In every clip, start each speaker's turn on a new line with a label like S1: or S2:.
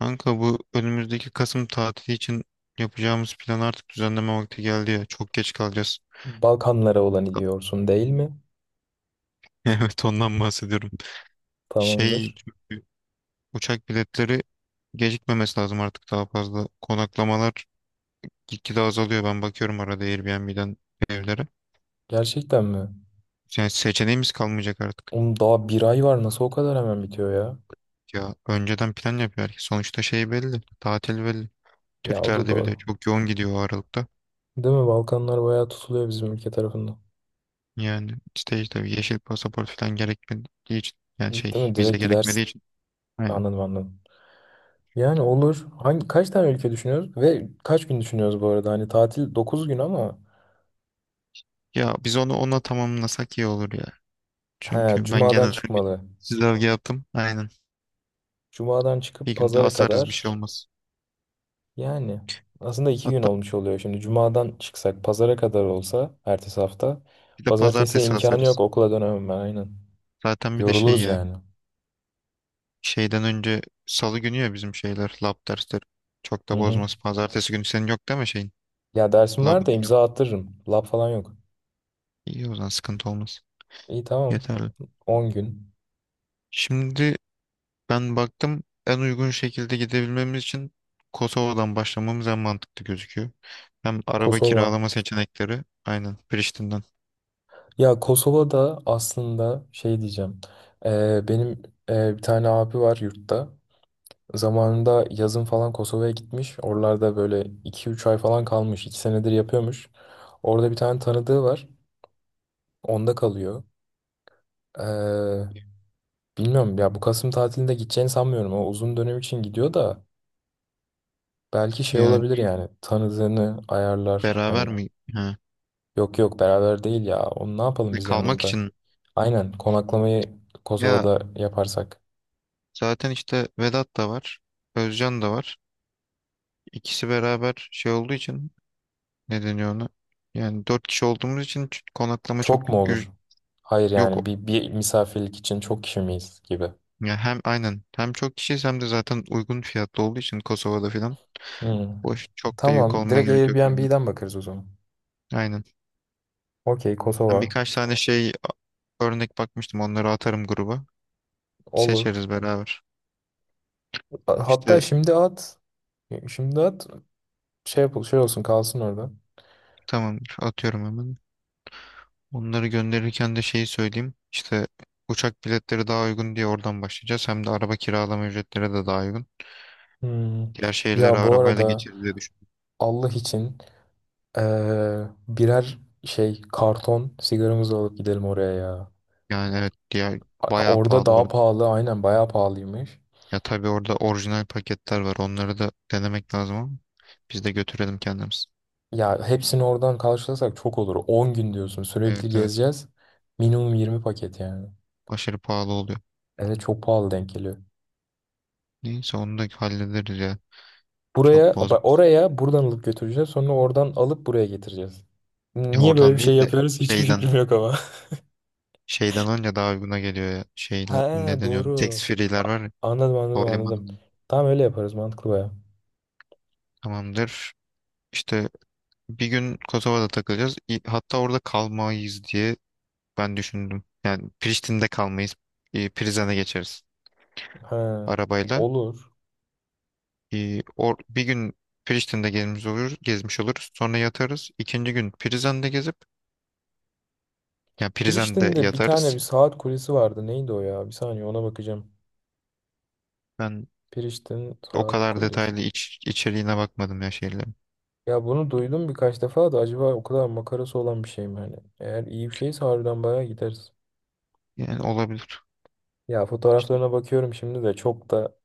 S1: Kanka bu önümüzdeki Kasım tatili için yapacağımız plan artık düzenleme vakti geldi ya. Çok geç kalacağız.
S2: Balkanlara olan gidiyorsun değil mi?
S1: Evet ondan bahsediyorum. Şey
S2: Tamamdır.
S1: çünkü uçak biletleri gecikmemesi lazım artık daha fazla. Konaklamalar gitgide azalıyor. Ben bakıyorum arada Airbnb'den evlere.
S2: Gerçekten mi?
S1: Yani seçeneğimiz kalmayacak artık.
S2: Oğlum daha bir ay var, nasıl o kadar hemen bitiyor ya?
S1: Ya önceden plan yapıyor herkes. Sonuçta şey belli. Tatil belli.
S2: Ya o da
S1: Türklerde bile
S2: doğru.
S1: çok yoğun gidiyor o aralıkta.
S2: Değil mi? Balkanlar bayağı tutuluyor bizim ülke tarafından.
S1: Yani işte yeşil pasaport falan gerekmediği için yani
S2: Değil
S1: şey
S2: mi?
S1: vize
S2: Direkt gidersin.
S1: gerekmediği için. Aynen.
S2: Anladım anladım. Yani olur. Hangi, kaç tane ülke düşünüyoruz? Ve kaç gün düşünüyoruz bu arada? Hani tatil 9 gün ama
S1: Ya biz onu ona tamamlasak iyi olur ya.
S2: he,
S1: Çünkü ben
S2: Cuma'dan
S1: genel bir
S2: çıkmalı.
S1: çizelge yaptım. Aynen.
S2: Cuma'dan
S1: Bir
S2: çıkıp
S1: günde
S2: pazara
S1: asarız bir şey
S2: kadar.
S1: olmaz.
S2: Yani aslında 2 gün
S1: Hatta
S2: olmuş oluyor. Şimdi cumadan çıksak pazara kadar olsa ertesi hafta.
S1: bir de
S2: Pazartesi
S1: pazartesi
S2: imkanı
S1: asarız.
S2: yok, okula dönemem ben, aynen.
S1: Zaten bir de şey
S2: Yoruluruz
S1: ya.
S2: yani.
S1: Şeyden önce salı günü ya bizim şeyler lab dersleri. Çok
S2: Hı
S1: da
S2: hı.
S1: bozmaz. Pazartesi günü senin yok değil mi şeyin?
S2: Ya dersim var
S1: Labın
S2: da
S1: falan.
S2: imza attırırım. Lab falan yok.
S1: İyi o zaman sıkıntı olmaz.
S2: İyi, tamam.
S1: Yeterli.
S2: 10 gün.
S1: Şimdi ben baktım en uygun şekilde gidebilmemiz için Kosova'dan başlamamız en mantıklı gözüküyor. Hem araba
S2: Kosova.
S1: kiralama seçenekleri aynen Priştine'den.
S2: Ya Kosova'da aslında şey diyeceğim. Benim bir tane abi var yurtta. Zamanında yazın falan Kosova'ya gitmiş. Oralarda böyle 2-3 ay falan kalmış. 2 senedir yapıyormuş. Orada bir tane tanıdığı var. Onda kalıyor. Ee, bilmiyorum ya, bu Kasım tatilinde gideceğini sanmıyorum. O uzun dönem için gidiyor da belki şey
S1: Yani
S2: olabilir, yani tanıdığını ayarlar. Hani,
S1: beraber mi? Ha.
S2: yok yok, beraber değil ya. Onu ne yapalım
S1: Ne,
S2: biz
S1: kalmak
S2: yanımızda?
S1: için.
S2: Aynen, konaklamayı
S1: Ya
S2: Kosova'da yaparsak.
S1: zaten işte Vedat da var. Özcan da var. İkisi beraber şey olduğu için ne deniyor ona? Yani dört kişi olduğumuz için konaklama çok
S2: Çok mu
S1: ü-
S2: olur? Hayır, yani
S1: yok.
S2: bir misafirlik için çok kişi miyiz gibi.
S1: Ya hem aynen hem çok kişiyiz hem de zaten uygun fiyatlı olduğu için Kosova'da filan.
S2: Hmm.
S1: Boş çok da yük
S2: Tamam,
S1: olmaya
S2: direkt
S1: gerek yok. Bence.
S2: Airbnb'den bakarız o zaman.
S1: Aynen.
S2: Okey,
S1: Ben
S2: Kosova.
S1: birkaç tane şey örnek bakmıştım. Onları atarım gruba.
S2: Olur.
S1: Seçeriz beraber.
S2: Hatta
S1: İşte
S2: şimdi at. Şimdi at. Şey yapıl, şey olsun, kalsın orada.
S1: tamamdır. Atıyorum hemen. Onları gönderirken de şeyi söyleyeyim. İşte uçak biletleri daha uygun diye oradan başlayacağız. Hem de araba kiralama ücretleri de daha uygun.
S2: Hmm.
S1: Diğer şehirlere
S2: Ya bu
S1: arabayla
S2: arada,
S1: geçeriz diye düşün.
S2: Allah için, birer şey karton sigaramızı alıp gidelim oraya ya.
S1: Yani evet diğer bayağı
S2: Orada
S1: pahalı
S2: daha
S1: orada.
S2: pahalı, aynen, bayağı pahalıymış.
S1: Ya tabii orada orijinal paketler var. Onları da denemek lazım ama biz de götürelim kendimiz.
S2: Ya hepsini oradan karşılasak çok olur. 10 gün diyorsun, sürekli
S1: Evet evet
S2: gezeceğiz. Minimum 20 paket yani.
S1: aşırı pahalı oluyor.
S2: Evet, çok pahalı denk geliyor.
S1: Neyse onu da hallederiz ya. Çok
S2: Buraya
S1: bozmaz.
S2: oraya buradan alıp götüreceğiz, sonra oradan alıp buraya getireceğiz.
S1: Ya
S2: Niye böyle bir
S1: oradan
S2: şey
S1: değil de
S2: yapıyoruz hiçbir
S1: şeyden
S2: fikrim yok ama.
S1: şeyden önce daha uyguna geliyor ya.
S2: Ha,
S1: Şeyle ne deniyor? Tax
S2: doğru.
S1: free'ler
S2: A-
S1: var ya
S2: Anladım anladım anladım.
S1: havalimanında.
S2: Tamam, öyle yaparız, mantıklı baya.
S1: Tamamdır. İşte bir gün Kosova'da takılacağız. Hatta orada kalmayız diye ben düşündüm. Yani Priştine'de kalmayız. Prizren'e geçeriz
S2: Ha,
S1: arabayla.
S2: olur.
S1: Bir gün Priştine'de gezmiş oluruz. Sonra yatarız. İkinci gün Prizren'de gezip, yani Prizren'de
S2: Priştine'de bir tane bir
S1: yatarız.
S2: saat kulesi vardı. Neydi o ya? Bir saniye, ona bakacağım.
S1: Ben
S2: Priştine
S1: o
S2: saat
S1: kadar
S2: kulesi.
S1: detaylı içeriğine bakmadım ya şeylerin.
S2: Ya bunu duydum birkaç defa da, acaba o kadar makarası olan bir şey mi hani? Eğer iyi bir şeyse harbiden bayağı gideriz.
S1: Yani olabilir.
S2: Ya
S1: İşte
S2: fotoğraflarına bakıyorum şimdi de, çok da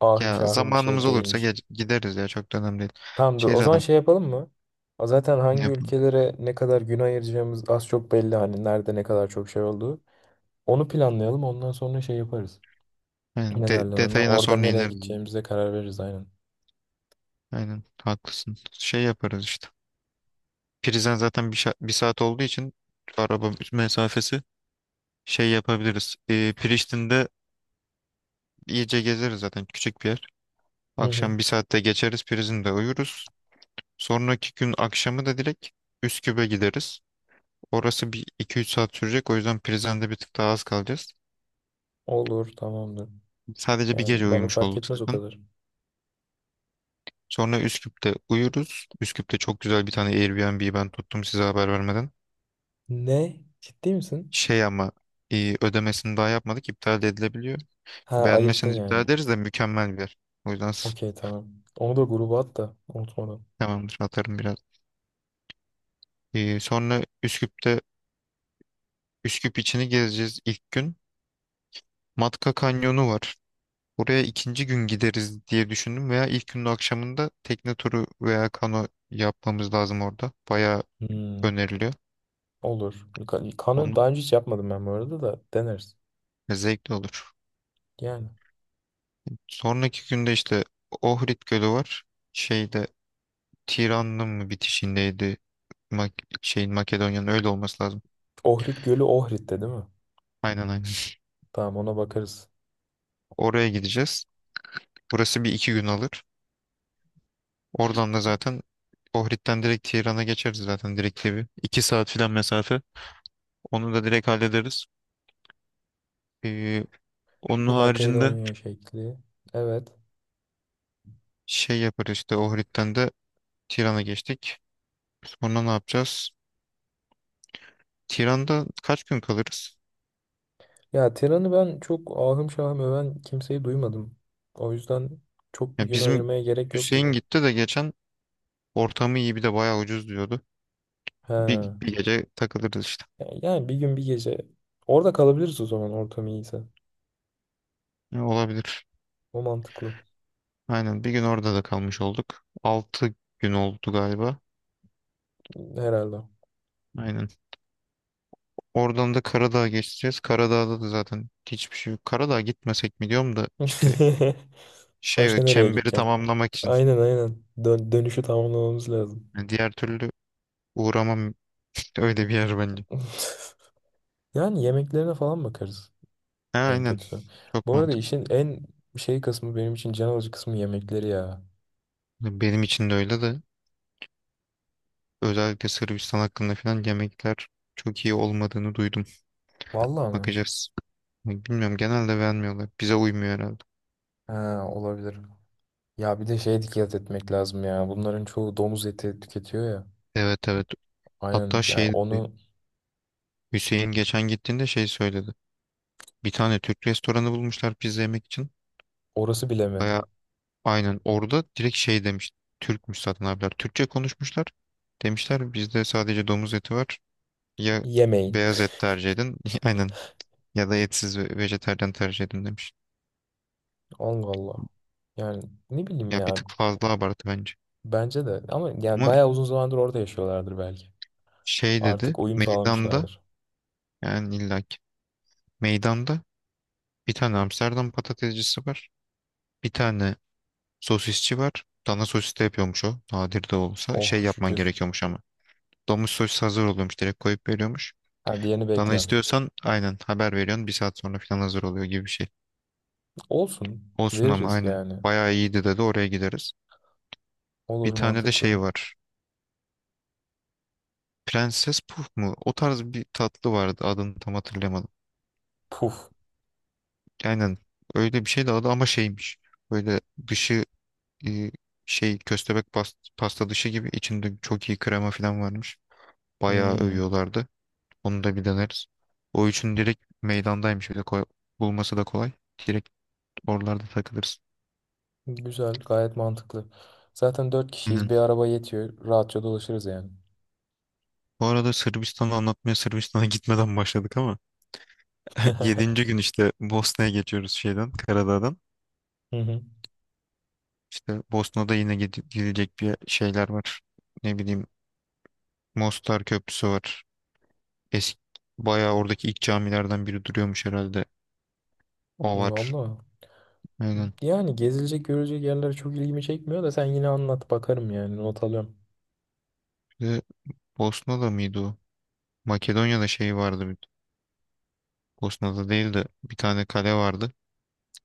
S2: ahım
S1: ya
S2: şahım bir şey
S1: zamanımız olursa
S2: değilmiş.
S1: gideriz ya çok da önemli değil.
S2: Tamam dur.
S1: Şey
S2: O zaman
S1: zaten
S2: şey yapalım mı? A, zaten
S1: ne
S2: hangi
S1: yapalım.
S2: ülkelere ne kadar gün ayıracağımız az çok belli, hani nerede ne kadar çok şey olduğu. Onu planlayalım. Ondan sonra şey yaparız.
S1: Yani
S2: Ne derler ona?
S1: detayına
S2: Orada
S1: sonra
S2: nereye
S1: ineriz.
S2: gideceğimize karar veririz, aynen.
S1: Aynen haklısın. Şey yaparız işte. Prizden zaten bir saat olduğu için araba mesafesi şey yapabiliriz. Priştine'de iyice gezeriz zaten küçük bir yer.
S2: Hı hı.
S1: Akşam bir saatte geçeriz Prizren'de uyuruz. Sonraki gün akşamı da direkt Üsküp'e gideriz. Orası bir iki üç saat sürecek. O yüzden Prizren'de bir tık daha az kalacağız.
S2: Olur, tamamdır.
S1: Sadece bir
S2: Yani
S1: gece
S2: bana
S1: uyumuş
S2: fark
S1: olduk
S2: etmez o
S1: zaten.
S2: kadar.
S1: Sonra Üsküp'te uyuruz. Üsküp'te çok güzel bir tane Airbnb ben tuttum size haber vermeden.
S2: Ne? Ciddi misin?
S1: Şey ama ödemesini daha yapmadık. İptal de edilebiliyor.
S2: Ha, ayırttın
S1: Beğenmezseniz iptal
S2: yani.
S1: ederiz de mükemmel bir yer. O yüzden
S2: Okey, tamam. Onu da gruba at da, unutmadan.
S1: tamamdır atarım biraz. Sonra Üsküp içini gezeceğiz ilk gün. Matka Kanyonu var. Buraya ikinci gün gideriz diye düşündüm veya ilk günün akşamında tekne turu veya kano yapmamız lazım orada. Bayağı
S2: Hmm,
S1: öneriliyor.
S2: olur. Kanı
S1: Onun
S2: daha önce hiç yapmadım ben, bu arada da deneriz.
S1: zevkli olur.
S2: Yani.
S1: Sonraki günde işte Ohrid Gölü var. Şeyde Tiran'ın mı bitişindeydi? Mak Şeyin Makedonya'nın öyle olması lazım.
S2: Ohrid Gölü Ohrid'de değil mi?
S1: Aynen aynen.
S2: Tamam, ona bakarız.
S1: Oraya gideceğiz. Burası bir iki gün alır. Oradan da zaten Ohrid'den direkt Tiran'a geçeriz zaten direkt gibi. 2 saat filan mesafe. Onu da direkt hallederiz. Ee, Onun
S2: Bir
S1: haricinde
S2: Makedonya şekli. Evet.
S1: şey yaparız işte Ohrid'den de Tiran'a geçtik. Sonra ne yapacağız? Tiran'da kaç gün kalırız?
S2: Ya Tiran'ı ben çok ahım şahım öven kimseyi duymadım. O yüzden çok bir
S1: Ya
S2: gün
S1: bizim
S2: ayırmaya gerek yok gibi.
S1: Hüseyin gitti de geçen ortamı iyi bir de bayağı ucuz diyordu.
S2: He.
S1: Bir gece takılırız işte.
S2: Yani bir gün bir gece. Orada kalabiliriz o zaman, ortam iyiyse.
S1: Ya, olabilir.
S2: O mantıklı.
S1: Aynen bir gün orada da kalmış olduk. 6 gün oldu galiba.
S2: Herhalde.
S1: Aynen. Oradan da Karadağ'a geçeceğiz. Karadağ'da da zaten hiçbir şey yok. Karadağ'a gitmesek mi diyorum da işte şey
S2: Başka nereye
S1: çemberi
S2: gideceksin?
S1: tamamlamak için.
S2: Aynen aynen. Dönüşü tamamlamamız lazım.
S1: Yani diğer türlü uğramam işte öyle bir yer bence.
S2: Yani yemeklerine falan bakarız.
S1: Ha,
S2: En
S1: aynen
S2: kötüsü.
S1: çok
S2: Bu arada
S1: mantıklı.
S2: işin en şey kısmı, benim için can alıcı kısmı yemekleri ya.
S1: Benim için de öyle de özellikle Sırbistan hakkında falan yemekler çok iyi olmadığını duydum.
S2: Vallahi mi?
S1: Bakacağız. Bilmiyorum genelde beğenmiyorlar. Bize uymuyor herhalde.
S2: Ha, olabilir. Ya bir de şeye dikkat etmek lazım ya. Bunların çoğu domuz eti tüketiyor ya.
S1: Evet evet.
S2: Aynen
S1: Hatta
S2: ya,
S1: şey dedi.
S2: onu.
S1: Hüseyin geçen gittiğinde şey söyledi. Bir tane Türk restoranı bulmuşlar pizza yemek için.
S2: Orası bile mi?
S1: Aynen orada direkt şey demiş. Türkmüş zaten abiler. Türkçe konuşmuşlar. Demişler bizde sadece domuz eti var. Ya
S2: Yemeyin.
S1: beyaz et tercih edin. Aynen. Ya da etsiz ve vejetaryen tercih edin demiş.
S2: Allah Allah. Yani, ne bileyim
S1: Ya bir
S2: ya.
S1: tık fazla abartı bence.
S2: Bence de, ama yani
S1: Ama
S2: bayağı uzun zamandır orada yaşıyorlardır belki.
S1: şey dedi.
S2: Artık uyum
S1: Meydanda
S2: sağlamışlardır.
S1: yani illaki. Meydanda bir tane Amsterdam patatescisi var. Bir tane sosisçi var. Dana sosis de yapıyormuş o. Nadir de olsa.
S2: Oh
S1: Şey yapman
S2: şükür.
S1: gerekiyormuş ama. Domuz sosis hazır oluyormuş. Direkt koyup veriyormuş.
S2: Ha, diğerini
S1: Bana
S2: bekliyorum.
S1: istiyorsan aynen haber veriyorsun. Bir saat sonra falan hazır oluyor gibi bir şey.
S2: Olsun.
S1: Olsun ama
S2: Veririz
S1: aynen.
S2: yani.
S1: Bayağı iyiydi dedi oraya gideriz. Bir
S2: Olur,
S1: tane de şey
S2: mantıklı.
S1: var. Prenses Puf mu? O tarz bir tatlı vardı. Adını tam hatırlamadım.
S2: Puf.
S1: Aynen. Öyle bir şeydi adı ama şeymiş. Böyle dışı e, şey köstebek pasta dışı gibi içinde çok iyi krema falan varmış. Bayağı
S2: Hmm.
S1: övüyorlardı. Onu da bir deneriz. O üçün direkt meydandaymış. Bir de bulması da kolay. Direkt oralarda takılırız.
S2: Güzel. Gayet mantıklı. Zaten 4 kişiyiz. Bir araba yetiyor. Rahatça dolaşırız yani.
S1: Bu arada Sırbistan'ı anlatmaya Sırbistan'a gitmeden başladık ama yedinci gün işte Bosna'ya geçiyoruz şeyden Karadağ'dan.
S2: Hı hı.
S1: İşte Bosna'da yine gidecek bir şeyler var. Ne bileyim Mostar Köprüsü var. Eski bayağı oradaki ilk camilerden biri duruyormuş herhalde. O var.
S2: Vallahi.
S1: Aynen.
S2: Yani gezilecek görecek yerler çok ilgimi çekmiyor da sen yine anlat, bakarım yani, not alıyorum.
S1: Bir de Bosna'da mıydı o? Makedonya'da şey vardı. Bosna'da değil de bir tane kale vardı.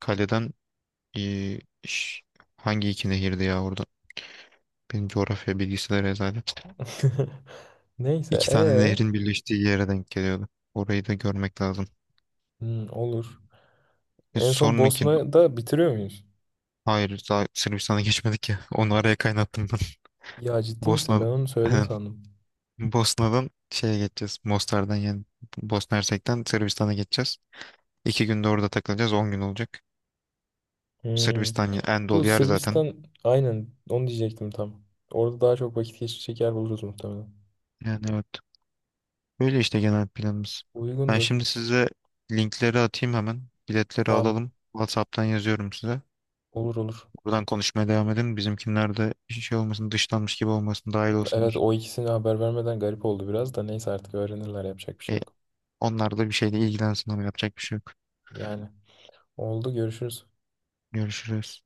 S1: Kaleden eee, ş- hangi iki nehirdi ya orada? Benim coğrafya bilgisi de rezalet.
S2: Neyse
S1: İki tane
S2: ee
S1: nehrin birleştiği yere denk geliyordu. Orayı da görmek lazım.
S2: Hmm, olur. En son
S1: Sonraki.
S2: Bosna'da bitiriyor muyuz?
S1: Hayır, daha Sırbistan'a geçmedik ya. Onu araya kaynattım ben.
S2: Ya ciddi misin? Ben
S1: Bosna.
S2: onu söyledin
S1: Aynen.
S2: sandım.
S1: Bosna'dan şeye geçeceğiz. Mostar'dan yani Bosna Hersek'ten Sırbistan'a geçeceğiz. 2 günde orada takılacağız. 10 gün olacak.
S2: Hmm.
S1: Sırbistan en
S2: Bu
S1: dolu yer zaten.
S2: Sırbistan, aynen onu diyecektim tam. Orada daha çok vakit geçirecek yer buluruz muhtemelen.
S1: Yani evet. Böyle işte genel planımız. Ben
S2: Uygundur.
S1: şimdi size linkleri atayım hemen. Biletleri
S2: Tamam.
S1: alalım. WhatsApp'tan yazıyorum size.
S2: Olur olur.
S1: Buradan konuşmaya devam edelim. Bizimkinler de şey olmasın, dışlanmış gibi olmasın, dahil
S2: Evet,
S1: olsunlar.
S2: o ikisini haber vermeden garip oldu biraz da, neyse artık öğrenirler, yapacak bir şey
S1: E,
S2: yok.
S1: Onlar da bir şeyle ilgilensin ama yapacak bir şey yok.
S2: Yani, oldu görüşürüz.
S1: Görüşürüz.